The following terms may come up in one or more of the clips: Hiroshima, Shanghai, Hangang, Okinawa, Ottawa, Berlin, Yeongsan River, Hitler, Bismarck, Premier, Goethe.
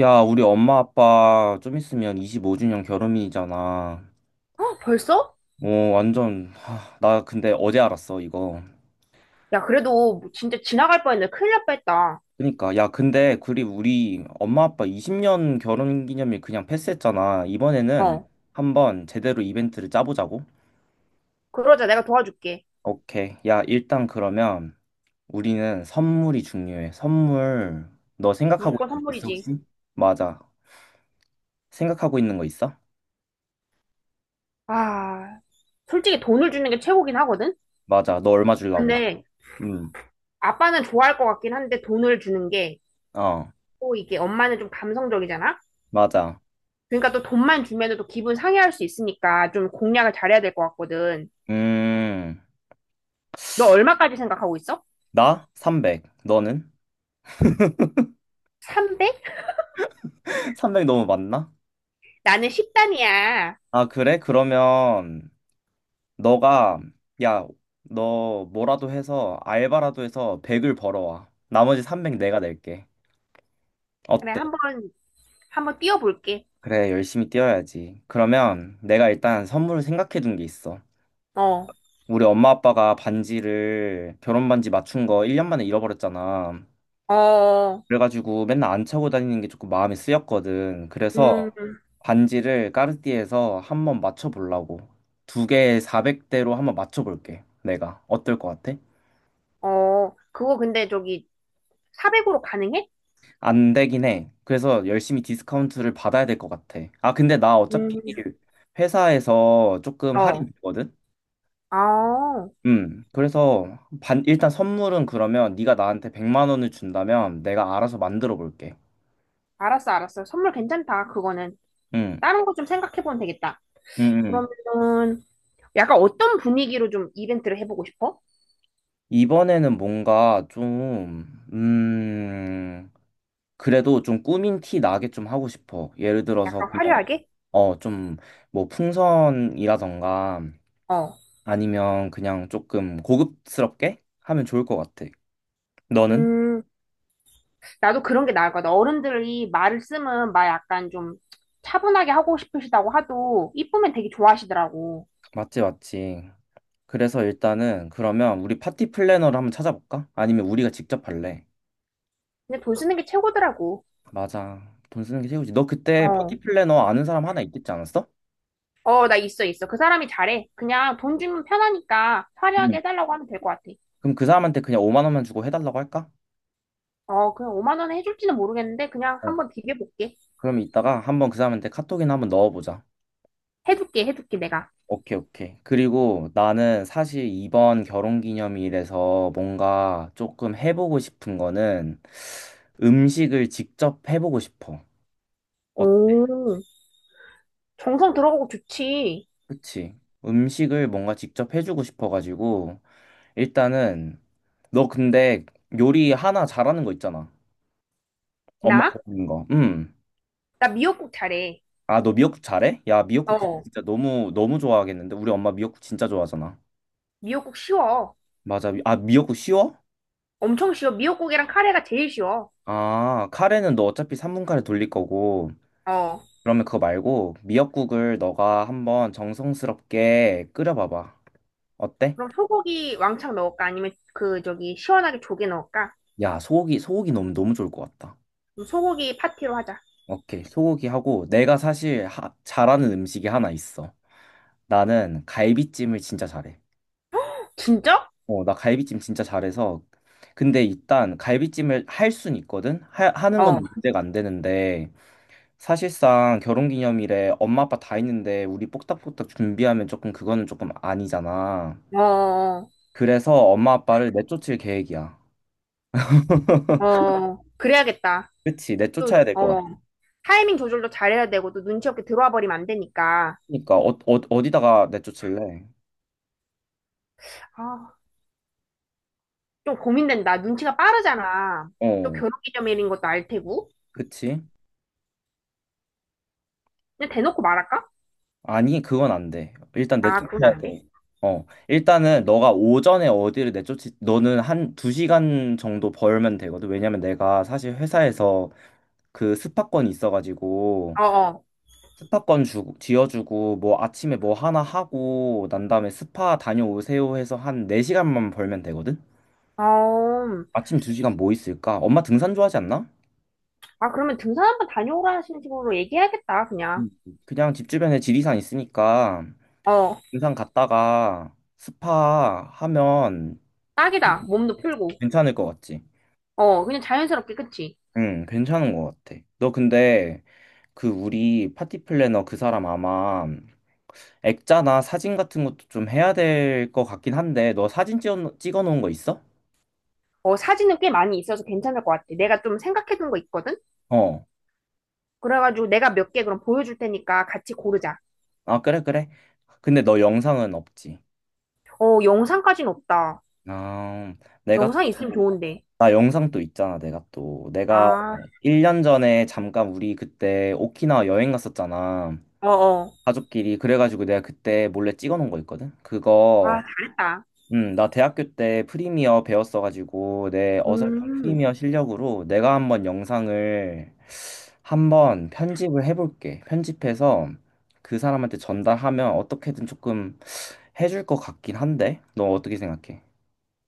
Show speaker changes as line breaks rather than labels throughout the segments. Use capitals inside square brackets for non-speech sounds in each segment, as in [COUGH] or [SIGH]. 야, 우리 엄마 아빠 좀 있으면 25주년 결혼이잖아.
어, 벌써?
어, 완전, 하, 나 근데 어제 알았어, 이거.
야, 그래도 뭐 진짜 지나갈 뻔했네. 큰일 날 뻔했다.
그러니까, 야, 근데, 그리 우리 엄마 아빠 20년 결혼 기념일 그냥 패스했잖아. 이번에는
어,
한번 제대로 이벤트를 짜보자고.
그러자. 내가 도와줄게.
오케이. 야, 일단 그러면 우리는 선물이 중요해. 선물, 너 생각하고
무조건
있는 거 있어,
선물이지.
혹시? 맞아. 생각하고 있는 거 있어?
아, 솔직히 돈을 주는 게 최고긴 하거든?
맞아. 너 얼마 주려고?
근데
응.
아빠는 좋아할 것 같긴 한데, 돈을 주는 게
어,
또 이게, 엄마는 좀 감성적이잖아?
맞아.
그러니까 또 돈만 주면 또 기분 상해할 수 있으니까 좀 공략을 잘해야 될 것 같거든.
음.
너 얼마까지 생각하고 있어?
나? 300. 너는?
300?
[LAUGHS] 300 너무 많나?
나는 10단이야.
아, 그래? 그러면 너가 야, 너 뭐라도 해서 알바라도 해서 100을 벌어와. 나머지 300 내가 낼게.
그래,
어때?
한번, 한번 띄워볼게.
그래, 열심히 뛰어야지. 그러면 내가 일단 선물을 생각해 둔 게 있어.
어,
우리 엄마 아빠가 반지를 결혼 반지 맞춘 거 1년 만에 잃어버렸잖아.
어,
그래가지고 맨날 안 차고 다니는 게 조금 마음이 쓰였거든. 그래서
음.
반지를 까르띠에서 한번 맞춰보려고. 두 개에 400대로 한번 맞춰볼게. 내가. 어떨 것 같아?
어, 그거 근데 저기 400으로 가능해?
안 되긴 해. 그래서 열심히 디스카운트를 받아야 될 것 같아. 아, 근데 나 어차피
음.
회사에서 조금 할인
어.
있거든?
아,
그래서 일단 선물은 그러면 네가 나한테 100만 원을 준다면 내가 알아서 만들어 볼게.
알았어, 알았어. 선물 괜찮다, 그거는.
응,
다른 거 좀 생각해보면 되겠다.
응,
그러면은, 약간 어떤 분위기로 좀 이벤트를 해보고 싶어?
이번에는 뭔가 좀, 그래도 좀 꾸민 티 나게 좀 하고 싶어. 예를 들어서
약간
그냥,
화려하게?
어, 좀, 뭐, 풍선이라던가
어.
아니면 그냥 조금 고급스럽게 하면 좋을 것 같아. 너는?
음, 나도 그런 게 나을 것 같아. 어른들이 말을 쓰면 막 약간 좀 차분하게 하고 싶으시다고 하도, 이쁘면 되게 좋아하시더라고.
맞지, 맞지. 그래서 일단은 그러면 우리 파티 플래너를 한번 찾아볼까? 아니면 우리가 직접 할래?
근데 돈 쓰는 게 최고더라고.
맞아. 돈 쓰는 게 최고지. 너 그때 파티
어.
플래너 아는 사람 하나 있겠지 않았어?
어, 나 있어, 있어. 그 사람이 잘해. 그냥 돈 주면 편하니까
응.
화려하게 해달라고 하면 될 것 같아.
그럼 그 사람한테 그냥 5만 원만 주고 해달라고 할까?
어, 그냥 5만 원에 해줄지는 모르겠는데, 그냥
어.
한번 비벼볼게.
그럼 이따가 한번 그 사람한테 카톡이나 한번 넣어보자.
해줄게, 해줄게, 내가.
오케이, 오케이. 그리고 나는 사실 이번 결혼기념일에서 뭔가 조금 해보고 싶은 거는 음식을 직접 해보고 싶어. 어,
오, 정성 들어가고 좋지.
그치. 음식을 뭔가 직접 해주고 싶어가지고 일단은 너 근데 요리 하나 잘하는 거 있잖아. 엄마
나?
잘하는 거. 음.
나 미역국 잘해.
아, 너 미역국 잘해? 야, 미역국 그
어,
진짜 너무 너무 좋아하겠는데. 우리 엄마 미역국 진짜 좋아하잖아.
미역국 쉬워.
맞아. 아, 미역국 쉬워?
엄청 쉬워. 미역국이랑 카레가 제일 쉬워.
아, 카레는 너 어차피 3분 카레 돌릴 거고,
어,
그러면 그거 말고 미역국을 너가 한번 정성스럽게 끓여봐봐. 어때?
그럼 소고기 왕창 넣을까? 아니면 그, 저기, 시원하게 조개 넣을까?
야, 소고기, 소고기 너무 너무 좋을 것 같다.
그럼 소고기 파티로 하자.
오케이, 소고기 하고 내가 사실 잘하는 음식이 하나 있어. 나는 갈비찜을 진짜 잘해.
진짜?
어, 나 갈비찜 진짜 잘해서. 근데 일단 갈비찜을 할 순 있거든? 하, 하는
어,
건 문제가 안 되는데, 사실상 결혼기념일에 엄마 아빠 다 있는데 우리 뽁닥뽁닥 준비하면 조금 그거는 조금 아니잖아.
어,
그래서 엄마 아빠를 내쫓을 계획이야.
어,
[LAUGHS]
어. 그래야겠다.
그치,
또,
내쫓아야 될 것 같아.
어. 타이밍 조절도 잘해야 되고 또 눈치 없게 들어와 버리면 안 되니까,
그러니까 어, 어, 어디다가 내쫓을래?
아, 좀 고민된다. 눈치가 빠르잖아. 또
어,
결혼 기념일인 것도 알 테고,
그치?
그냥 대놓고 말할까?
아니, 그건 안 돼. 일단
아, 그건
내쫓아야
안 돼.
돼. 어, 일단은 너가 오전에 어디를 내쫓지, 너는 한 두 시간 정도 벌면 되거든. 왜냐면 내가 사실 회사에서 그 스파권이 있어가지고
어어.
스파권 주 지어주고, 뭐 아침에 뭐 하나 하고, 난 다음에 스파 다녀오세요 해서 한 4시간만 벌면 되거든?
어. 어. 음.
아침 2시간 뭐 있을까? 엄마 등산 좋아하지 않나?
아, 그러면 등산 한번 다녀오라는 식으로 얘기해야겠다, 그냥.
음. 그냥 집 주변에 지리산 있으니까,
어,
등산 갔다가 스파 하면
딱이다. 몸도 풀고.
괜찮을 것 같지?
어, 그냥 자연스럽게, 그치?
응, 괜찮은 것 같아. 너 근데 그 우리 파티 플래너 그 사람 아마 액자나 사진 같은 것도 좀 해야 될 것 같긴 한데, 너 사진 찍어 놓은 거 있어?
어, 사진은 꽤 많이 있어서 괜찮을 것 같아. 내가 좀 생각해둔 거 있거든?
어.
그래가지고 내가 몇 개 그럼 보여줄 테니까 같이 고르자.
아, 그래, 그래. 근데 너 영상은 없지.
어, 영상까진 없다.
아, 내가
영상 있으면
또,
좋은데.
나 영상 또 있잖아, 내가 또. 내가
아,
1년 전에 잠깐 우리 그때 오키나와 여행 갔었잖아.
어어.
가족끼리. 그래가지고 내가 그때 몰래 찍어 놓은 거 있거든?
아,
그거,
잘했다.
나 대학교 때 프리미어 배웠어가지고 내 어설픈
음,
프리미어 실력으로 내가 한번 영상을 한번 편집을 해볼게. 편집해서 그 사람한테 전달하면 어떻게든 조금 해줄 것 같긴 한데 너 어떻게 생각해?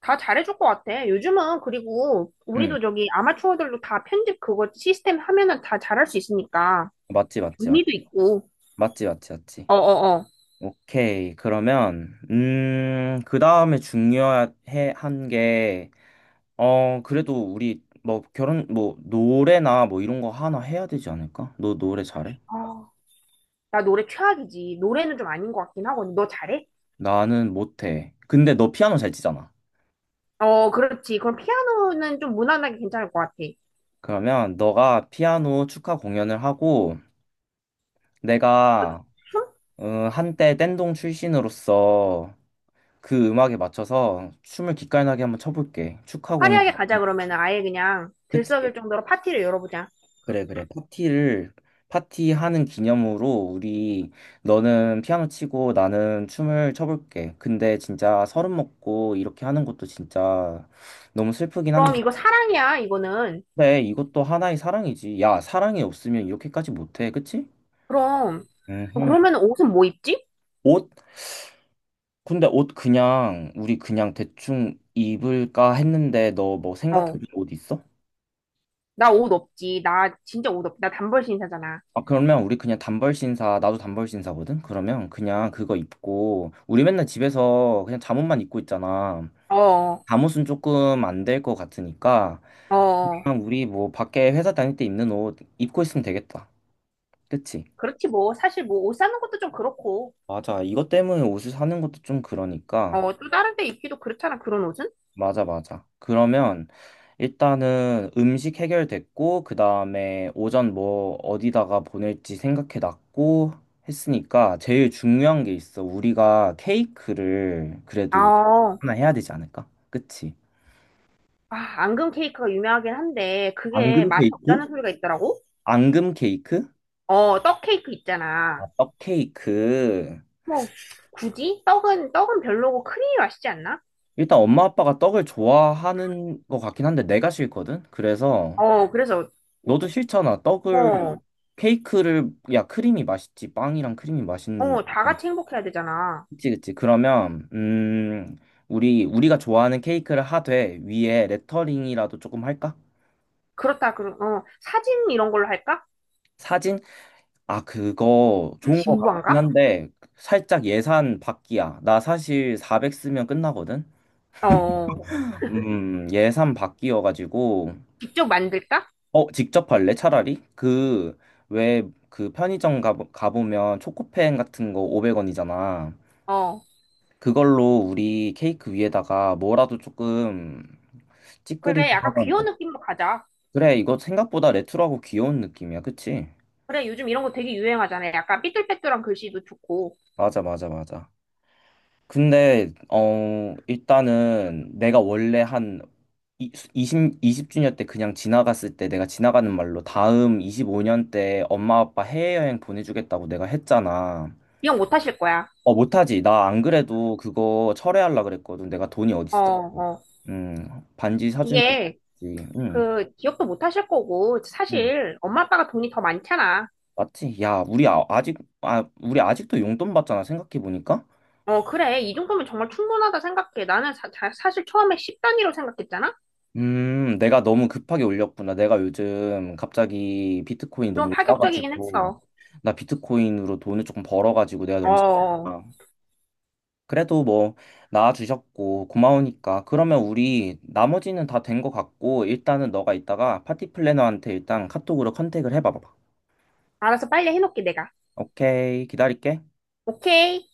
다 잘해줄 것 같아. 요즘은 그리고
응,
우리도 저기 아마추어들도 다 편집 그거 시스템 하면은 다 잘할 수 있으니까
맞지 맞지 맞지
의미도 있고.
맞지 맞지 맞지.
어어어.
오케이, 그러면 그 다음에 중요해 한게 어, 그래도 우리 뭐 결혼 뭐 노래나 뭐 이런 거 하나 해야 되지 않을까? 너 노래 잘해?
아, 나 노래 최악이지. 노래는 좀 아닌 것 같긴 하거든. 너 잘해?
나는 못해. 근데 너 피아노 잘 치잖아.
어, 그렇지. 그럼 피아노는 좀 무난하게 괜찮을 것 같아.
그러면 너가 피아노 축하 공연을 하고 내가
춤?
어, 한때 댄동 출신으로서 그 음악에 맞춰서 춤을 기깔나게 한번 춰볼게. 축하 공연.
화려하게 가자. 그러면은 아예 그냥 들썩일
그치?
정도로 파티를 열어보자.
그래, 그래. 파티를, 파티하는 기념으로 우리, 너는 피아노 치고 나는 춤을 춰볼게. 근데 진짜 서른 먹고 이렇게 하는 것도 진짜 너무 슬프긴
그럼
한데,
이거 사랑이야, 이거는.
근데 이것도 하나의 사랑이지. 야, 사랑이 없으면 이렇게까지 못해. 그치?
그럼,
음흠.
그러면 옷은 뭐 입지?
옷? 근데 옷 그냥, 우리 그냥 대충 입을까 했는데, 너 뭐
어.
생각해둔 옷 있어?
나 옷 없지. 나 진짜 옷 없지. 나 단벌 신사잖아.
아, 그러면 우리 그냥 단벌 신사, 나도 단벌 신사거든? 그러면 그냥 그거 입고, 우리 맨날 집에서 그냥 잠옷만 입고 있잖아.
어,
잠옷은 조금 안 될 것 같으니까,
어.
그냥 우리 뭐 밖에 회사 다닐 때 입는 옷 입고 있으면 되겠다. 그치?
그렇지 뭐. 사실 뭐 옷 사는 것도 좀 그렇고.
맞아. 이것 때문에 옷을 사는 것도 좀 그러니까,
어, 또 다른 데 입기도 그렇잖아. 그런 옷은.
맞아, 맞아. 그러면 일단은 음식 해결됐고, 그 다음에 오전 뭐 어디다가 보낼지 생각해 놨고 했으니까 제일 중요한 게 있어. 우리가 케이크를
아,
그래도
어.
하나 해야 되지 않을까? 그치?
아, 앙금 케이크가 유명하긴 한데 그게
앙금
맛이
케이크?
없다는 소리가 있더라고.
앙금 케이크?
어, 떡 케이크 있잖아.
아, 떡 케이크.
뭐 굳이 떡은 별로고 크림이 맛있지 않나?
일단 엄마 아빠가 떡을 좋아하는 것 같긴 한데 내가 싫거든? 그래서
어, 그래서 우-
너도 싫잖아. 떡을
어,
케이크를 야 크림이 맛있지. 빵이랑 크림이 맛있는데.
어, 다 같이 행복해야 되잖아.
그치 그치. 그러면 우리 우리가 좋아하는 케이크를 하되 위에 레터링이라도 조금 할까?
그렇다. 그럼 사진 이런 걸로 할까?
사진? 아 그거 좋은 거 같긴
진부한가?
한데 살짝 예산 밖이야. 나 사실 400 쓰면 끝나거든.
어,
예산 밖이어가지고
직접 만들까?
어 직접 할래 차라리? 그 왜 그 편의점 가 가보면 초코펜 같은 거 500원이잖아.
어.
그걸로 우리 케이크 위에다가 뭐라도 조금 찌끄리면
그래, 약간 귀여운 느낌으로 가자.
그래 이거 생각보다 레트로하고 귀여운 느낌이야 그치?
그래, 요즘 이런 거 되게 유행하잖아요. 약간 삐뚤빼뚤한 글씨도 좋고.
맞아 맞아 맞아. 근데 어 일단은 내가 원래 한 20, 이십 주년 때 그냥 지나갔을 때 내가 지나가는 말로 다음 25년 때 엄마 아빠 해외여행 보내주겠다고 내가 했잖아.
기억 못 하실 거야.
어 못하지. 나 안 그래도 그거 철회하려 그랬거든. 내가 돈이
어,
어딨어.
어.
음 반지 사주면
이게,
되지. 응.
그, 기억도 못 하실 거고,
응.
사실, 엄마 아빠가 돈이 더 많잖아.
맞지? 야, 우리 아, 아직 아, 우리 아직도 용돈 받잖아. 생각해 보니까.
어, 그래. 이 정도면 정말 충분하다 생각해. 나는 사, 실 처음에 10단위로 생각했잖아?
내가 너무 급하게 올렸구나. 내가 요즘 갑자기 비트코인이
좀
너무
파격적이긴
올라가지고
했어.
나 비트코인으로 돈을 조금 벌어가지고 내가
어,
너무
어.
힘들다. 그래도 뭐 나와주셨고 고마우니까. 그러면 우리 나머지는 다 된 것 같고 일단은 너가 이따가 파티 플래너한테 일단 카톡으로 컨택을 해봐봐.
알아서 빨리 해놓게, 내가.
오케이, 기다릴게.
오케이.